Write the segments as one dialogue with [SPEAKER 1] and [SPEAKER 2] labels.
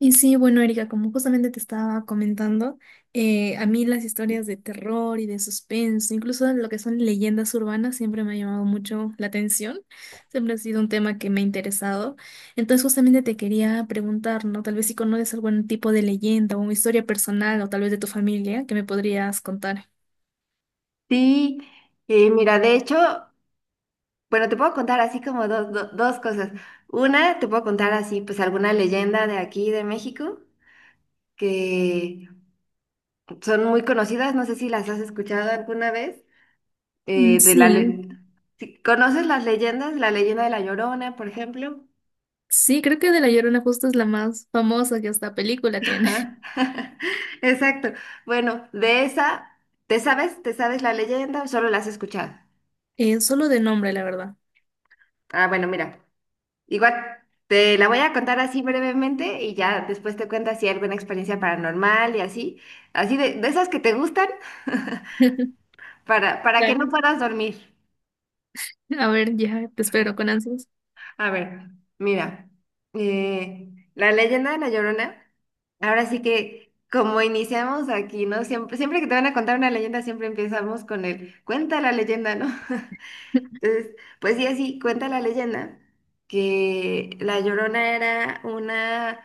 [SPEAKER 1] Y sí, bueno, Erika, como justamente te estaba comentando, a mí las historias de terror y de suspenso, incluso lo que son leyendas urbanas, siempre me ha llamado mucho la atención, siempre ha sido un tema que me ha interesado. Entonces, justamente te quería preguntar, ¿no? Tal vez si conoces algún tipo de leyenda o una historia personal o tal vez de tu familia que me podrías contar.
[SPEAKER 2] Sí, mira, de hecho, bueno, te puedo contar así como dos, dos cosas. Una, te puedo contar así, pues alguna leyenda de aquí de México que son muy conocidas, no sé si las has escuchado alguna vez,
[SPEAKER 1] Mm,
[SPEAKER 2] eh, de la
[SPEAKER 1] sí,
[SPEAKER 2] le- si, ¿conoces las leyendas? La leyenda de la Llorona, por ejemplo.
[SPEAKER 1] sí, creo que de La Llorona justo es la más famosa que hasta película tiene.
[SPEAKER 2] Exacto. Bueno, de esa, ¿te sabes? ¿Te sabes la leyenda o solo la has escuchado?
[SPEAKER 1] Solo de nombre, la verdad.
[SPEAKER 2] Ah, bueno, mira. Igual te la voy a contar así brevemente y ya después te cuento si hay alguna experiencia paranormal y así, así de esas que te gustan para que no
[SPEAKER 1] Claro.
[SPEAKER 2] puedas dormir.
[SPEAKER 1] A ver, ya te espero con ansias.
[SPEAKER 2] A ver, mira, eh, la leyenda de La Llorona, ahora sí que como iniciamos aquí, ¿no? Siempre, siempre que te van a contar una leyenda, siempre empezamos con el cuenta la leyenda, ¿no? Entonces, pues sí, así cuenta la leyenda que La Llorona era una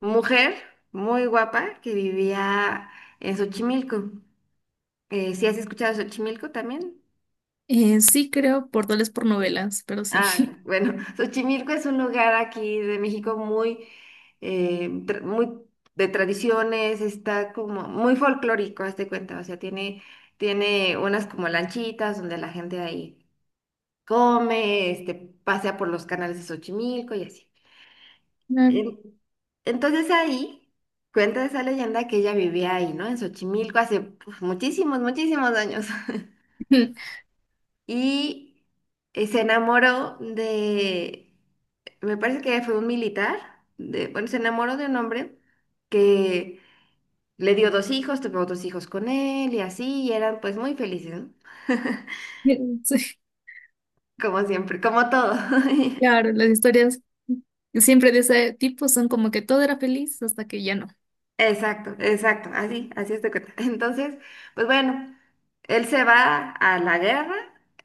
[SPEAKER 2] mujer muy guapa que vivía en Xochimilco. ¿Sí has escuchado de Xochimilco también?
[SPEAKER 1] Sí, creo, por doles por novelas, pero sí.
[SPEAKER 2] Ah, ok. Bueno, Xochimilco es un lugar aquí de México muy, muy de tradiciones, está como muy folclórico, haz de cuenta, o sea, tiene, unas como lanchitas donde la gente ahí come, pasea por los canales de Xochimilco y así.
[SPEAKER 1] Claro.
[SPEAKER 2] En- Entonces ahí cuenta esa leyenda que ella vivía ahí, ¿no? En Xochimilco hace, pues, muchísimos, muchísimos años. Y se enamoró de, me parece que fue un militar, de, bueno, se enamoró de un hombre que le dio dos hijos, tuvo dos hijos con él y así, y eran pues muy felices, ¿no?
[SPEAKER 1] Sí,
[SPEAKER 2] Como siempre, como todo.
[SPEAKER 1] claro, las historias siempre de ese tipo son como que todo era feliz hasta que ya no.
[SPEAKER 2] Exacto, exacto, así, así es de cuenta. Entonces, pues bueno, él se va a la guerra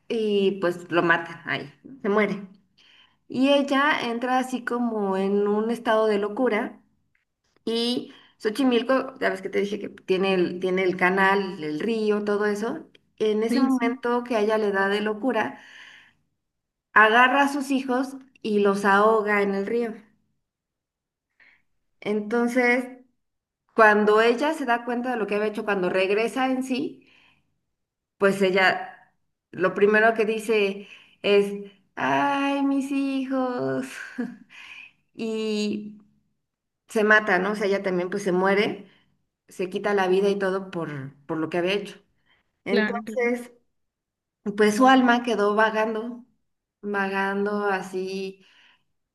[SPEAKER 2] y pues lo matan ahí, se muere. Y ella entra así como en un estado de locura y Xochimilco, ya ves que te dije que tiene el canal, el río, todo eso. En ese
[SPEAKER 1] Sí, sí,
[SPEAKER 2] momento que a ella le da de locura, agarra a sus hijos y los ahoga en el río. Entonces, cuando ella se da cuenta de lo que había hecho, cuando regresa en sí, pues ella lo primero que dice es, ay, mis hijos. Y se mata, ¿no? O sea, ella también pues se muere, se quita la vida y todo por lo que había hecho.
[SPEAKER 1] claro, claro.
[SPEAKER 2] Entonces, pues su alma quedó vagando, vagando así,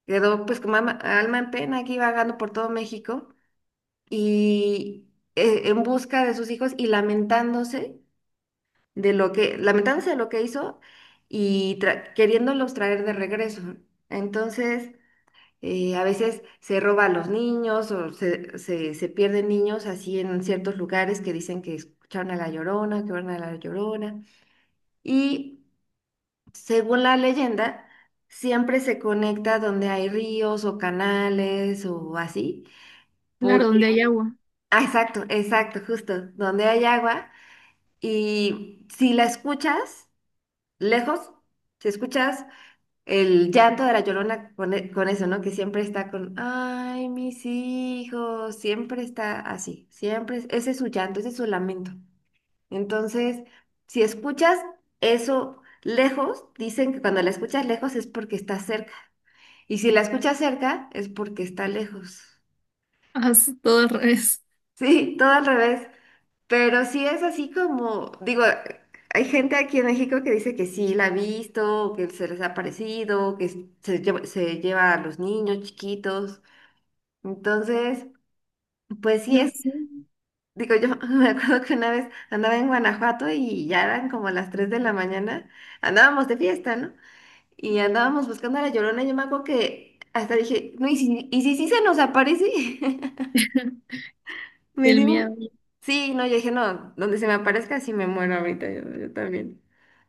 [SPEAKER 2] quedó pues como alma en pena aquí vagando por todo México y en busca de sus hijos y lamentándose de lo que, lamentándose de lo que hizo y queriéndolos traer de regreso. Entonces, a veces se roba a los niños o se pierden niños así en ciertos lugares que dicen que escucharon a la Llorona, que vieron a la Llorona. Y según la leyenda, siempre se conecta donde hay ríos o canales o así.
[SPEAKER 1] Claro, donde
[SPEAKER 2] Porque,
[SPEAKER 1] hay agua.
[SPEAKER 2] ah, exacto, exacto, justo, donde hay agua. Y si la escuchas, lejos, si escuchas el llanto de la Llorona con, con eso, ¿no? Que siempre está con, ay, mis hijos, siempre está así, siempre, ese es su llanto, ese es su lamento. Entonces, si escuchas eso lejos, dicen que cuando la escuchas lejos es porque está cerca. Y si la escuchas cerca, es porque está lejos.
[SPEAKER 1] Haz todo al revés.
[SPEAKER 2] Sí, todo al revés. Pero sí es así como, digo, hay gente aquí en México que dice que sí la ha visto, que se les ha parecido, que se lleva a los niños chiquitos. Entonces, pues sí
[SPEAKER 1] No
[SPEAKER 2] es,
[SPEAKER 1] sé.
[SPEAKER 2] digo, yo me acuerdo que una vez andaba en Guanajuato y ya eran como las 3 de la mañana, andábamos de fiesta, ¿no? Y andábamos buscando a la Llorona, yo me acuerdo que hasta dije, no, y si sí se nos aparece? Me
[SPEAKER 1] El
[SPEAKER 2] dio...
[SPEAKER 1] miedo.
[SPEAKER 2] Sí, no, yo dije, no, donde se me aparezca sí me muero ahorita, yo también.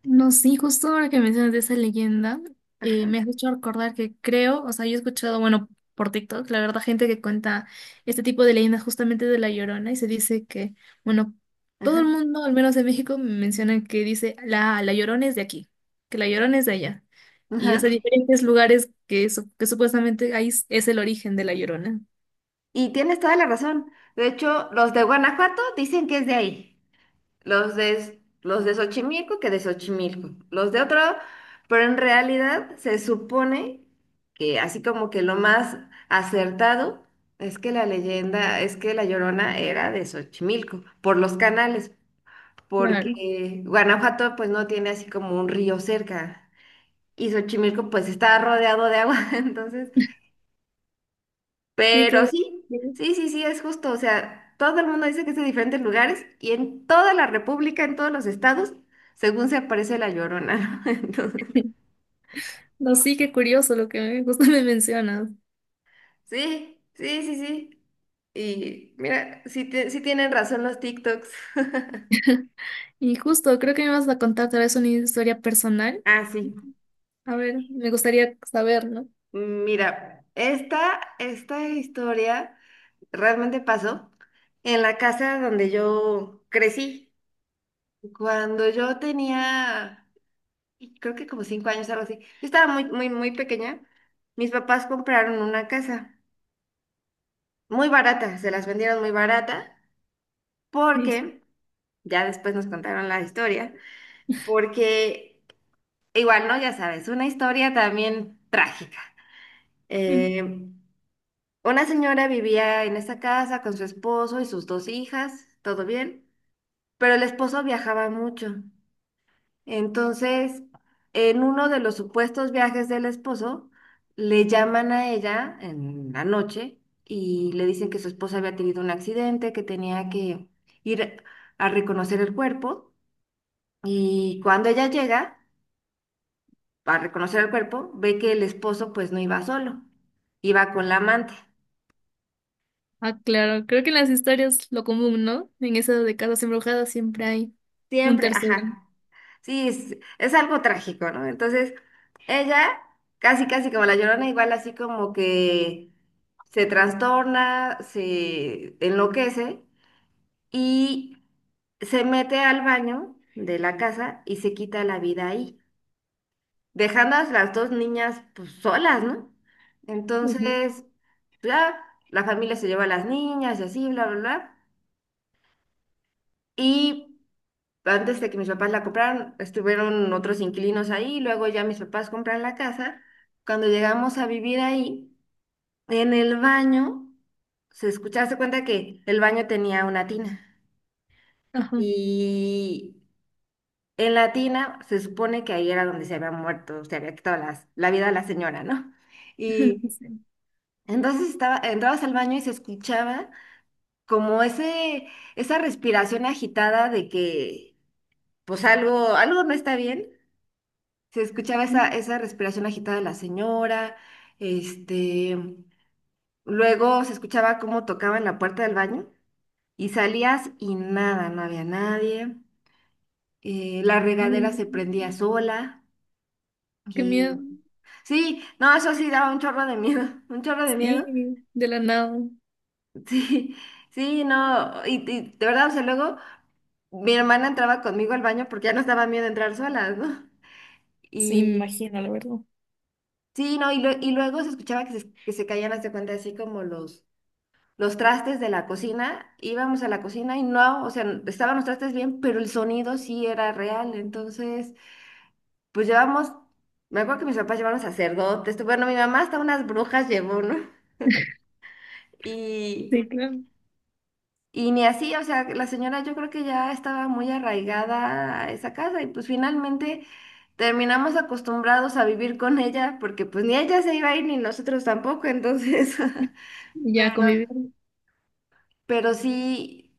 [SPEAKER 1] No, sí, justo ahora que mencionas de esa leyenda,
[SPEAKER 2] Ajá,
[SPEAKER 1] me has hecho recordar que creo, o sea, yo he escuchado, bueno, por TikTok, la verdad, gente que cuenta este tipo de leyendas justamente de La Llorona y se dice que, bueno, todo
[SPEAKER 2] ajá,
[SPEAKER 1] el mundo, al menos en México, mencionan que dice, la Llorona es de aquí, que la Llorona es de allá. Y, o
[SPEAKER 2] ajá.
[SPEAKER 1] sea, diferentes lugares que, su- que supuestamente ahí es el origen de La Llorona.
[SPEAKER 2] Y tienes toda la razón. De hecho, los de Guanajuato dicen que es de ahí. Los de Xochimilco, que de Xochimilco. Los de otro, pero en realidad se supone que así como que lo más acertado es que la leyenda, es que la Llorona era de Xochimilco, por los canales,
[SPEAKER 1] Claro,
[SPEAKER 2] porque Guanajuato pues no tiene así como un río cerca. Y Xochimilco pues está rodeado de agua, entonces.
[SPEAKER 1] sí,
[SPEAKER 2] Pero
[SPEAKER 1] claro.
[SPEAKER 2] sí,
[SPEAKER 1] Sí.
[SPEAKER 2] sí, sí, sí, es justo. O sea, todo el mundo dice que es de diferentes lugares y en toda la República, en todos los estados, según se aparece la Llorona, ¿no? Entonces,
[SPEAKER 1] No, sí, qué curioso lo que justo me mencionas.
[SPEAKER 2] sí, sí, sí, sí. Y mira, sí, sí tienen razón los TikToks.
[SPEAKER 1] Y justo, creo que me vas a contar tal vez una historia personal.
[SPEAKER 2] Ah, sí.
[SPEAKER 1] A ver, me gustaría saber, ¿no?
[SPEAKER 2] Mira, esta historia realmente pasó en la casa donde yo crecí. Cuando yo tenía... creo que como 5 años, algo así. Yo estaba muy, muy, muy pequeña. Mis papás compraron una casa muy barata, se las vendieron muy barata,
[SPEAKER 1] Y dice,
[SPEAKER 2] porque ya después nos contaron la historia, porque igual, ¿no? Ya sabes, una historia también trágica.
[SPEAKER 1] "Mm,
[SPEAKER 2] Eh, una señora vivía en esa casa con su esposo y sus dos hijas, todo bien, pero el esposo viajaba mucho. Entonces, en uno de los supuestos viajes del esposo, le llaman a ella en la noche y le dicen que su esposa había tenido un accidente, que tenía que ir a reconocer el cuerpo. Y cuando ella llega a reconocer el cuerpo, ve que el esposo pues no iba solo, iba con la amante.
[SPEAKER 1] ah, claro, creo que en las historias lo común, ¿no? En esas de casas embrujadas siempre hay un
[SPEAKER 2] Siempre,
[SPEAKER 1] tercero.
[SPEAKER 2] ajá. Sí, es algo trágico, ¿no? Entonces, ella, casi, casi como la Llorona, igual así como que se trastorna, se enloquece y se mete al baño de la casa y se quita la vida ahí, dejando a las dos niñas pues, solas, ¿no?
[SPEAKER 1] Ujú.
[SPEAKER 2] Entonces, ya, la familia se lleva a las niñas y así, bla, bla, bla. Y antes de que mis papás la compraran, estuvieron otros inquilinos ahí, luego ya mis papás compran la casa. Cuando llegamos a vivir ahí, en el baño, se escuchaba, se cuenta que el baño tenía una tina.
[SPEAKER 1] Ajá.
[SPEAKER 2] Y en la tina se supone que ahí era donde se había muerto, se había quitado la vida a la señora, ¿no? Y entonces estaba, entrabas al baño y se escuchaba como ese, esa respiración agitada de que pues algo, algo no está bien. Se escuchaba
[SPEAKER 1] Sí.
[SPEAKER 2] esa,
[SPEAKER 1] Mm.
[SPEAKER 2] esa respiración agitada de la señora, este, luego se escuchaba cómo tocaban la puerta del baño y salías y nada, no había nadie, la regadera se prendía sola
[SPEAKER 1] Qué miedo.
[SPEAKER 2] y sí, no, eso sí daba un chorro de miedo, un chorro de miedo,
[SPEAKER 1] Sí, de la nada.
[SPEAKER 2] sí, sí, no, y de verdad, o sea, luego mi hermana entraba conmigo al baño porque ya nos daba miedo entrar solas, ¿no?
[SPEAKER 1] Sí, me
[SPEAKER 2] Y
[SPEAKER 1] imagino, la verdad.
[SPEAKER 2] sí, no, y, y luego se escuchaba que se, caían, hasta cuenta, así como los trastes de la cocina, íbamos a la cocina y no, o sea, estaban los trastes bien, pero el sonido sí era real. Entonces, pues llevamos, me acuerdo que mis papás llevaron sacerdotes, bueno, mi mamá hasta unas brujas llevó, ¿no? Y,
[SPEAKER 1] Sí, claro.
[SPEAKER 2] y ni así, o sea, la señora yo creo que ya estaba muy arraigada a esa casa y pues finalmente terminamos acostumbrados a vivir con ella porque pues ni ella se iba a ir ni nosotros tampoco, entonces...
[SPEAKER 1] Ya convivir.
[SPEAKER 2] Pero sí,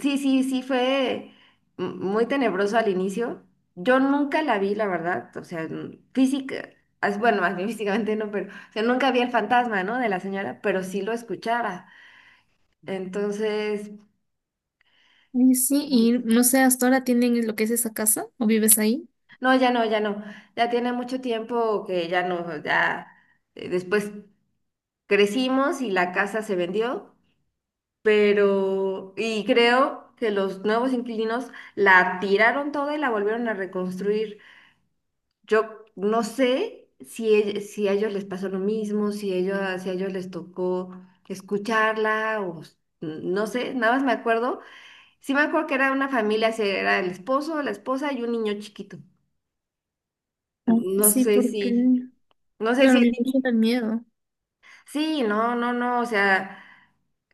[SPEAKER 2] sí, sí, sí fue muy tenebroso al inicio. Yo nunca la vi, la verdad. O sea, física, bueno, más bien físicamente no, pero o sea, nunca vi el fantasma, ¿no? De la señora, pero sí lo escuchaba. Entonces,
[SPEAKER 1] Y sí, y no sé, ¿hasta ahora tienen lo que es esa casa? ¿O vives ahí?
[SPEAKER 2] no, ya no, ya no. Ya tiene mucho tiempo que ya no, ya después crecimos y la casa se vendió, pero, y creo que los nuevos inquilinos la tiraron toda y la volvieron a reconstruir. Yo no sé si, si a ellos les pasó lo mismo, si, ellos, si a ellos les tocó escucharla o no sé, nada más me acuerdo. Sí me acuerdo que era una familia, si era el esposo, la esposa y un niño chiquito.
[SPEAKER 1] Ah,
[SPEAKER 2] No
[SPEAKER 1] sí,
[SPEAKER 2] sé
[SPEAKER 1] porque,
[SPEAKER 2] si, no sé si,
[SPEAKER 1] claro, me imagino el miedo.
[SPEAKER 2] sí, no, no, no, o sea,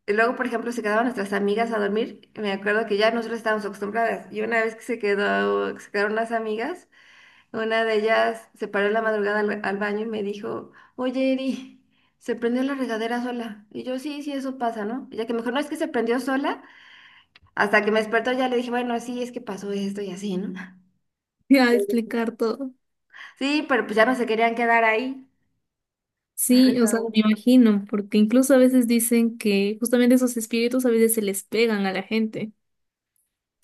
[SPEAKER 2] y luego, por ejemplo, se quedaban nuestras amigas a dormir, me acuerdo que ya nosotros estábamos acostumbradas y una vez que se quedó, se quedaron las amigas. Una de ellas se paró en la madrugada al baño y me dijo, oye, Eri, se prendió la regadera sola. Y yo, sí, sí, eso pasa, ¿no? Ya que mejor no es que se prendió sola. Hasta que me despertó ya le dije, bueno, sí, es que pasó esto y así, ¿no?
[SPEAKER 1] Sí, a explicar todo.
[SPEAKER 2] Sí, pero pues ya no se querían quedar ahí.
[SPEAKER 1] Sí, o sea, me imagino, porque incluso a veces dicen que justamente esos espíritus a veces se les pegan a la gente.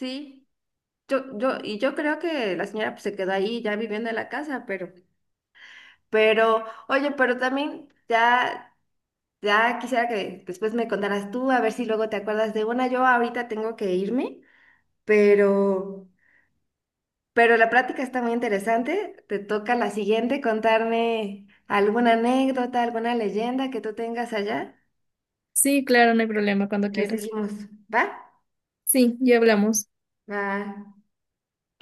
[SPEAKER 2] Sí, yo, y yo creo que la señora pues, se quedó ahí ya viviendo en la casa, pero, oye, pero también ya, ya quisiera que después me contaras tú, a ver si luego te acuerdas de una. Yo ahorita tengo que irme. Pero, la práctica está muy interesante. Te toca la siguiente contarme alguna anécdota, alguna leyenda que tú tengas allá.
[SPEAKER 1] Sí, claro, no hay problema cuando
[SPEAKER 2] Le
[SPEAKER 1] quieras.
[SPEAKER 2] seguimos, ¿va?
[SPEAKER 1] Sí, ya hablamos.
[SPEAKER 2] Va.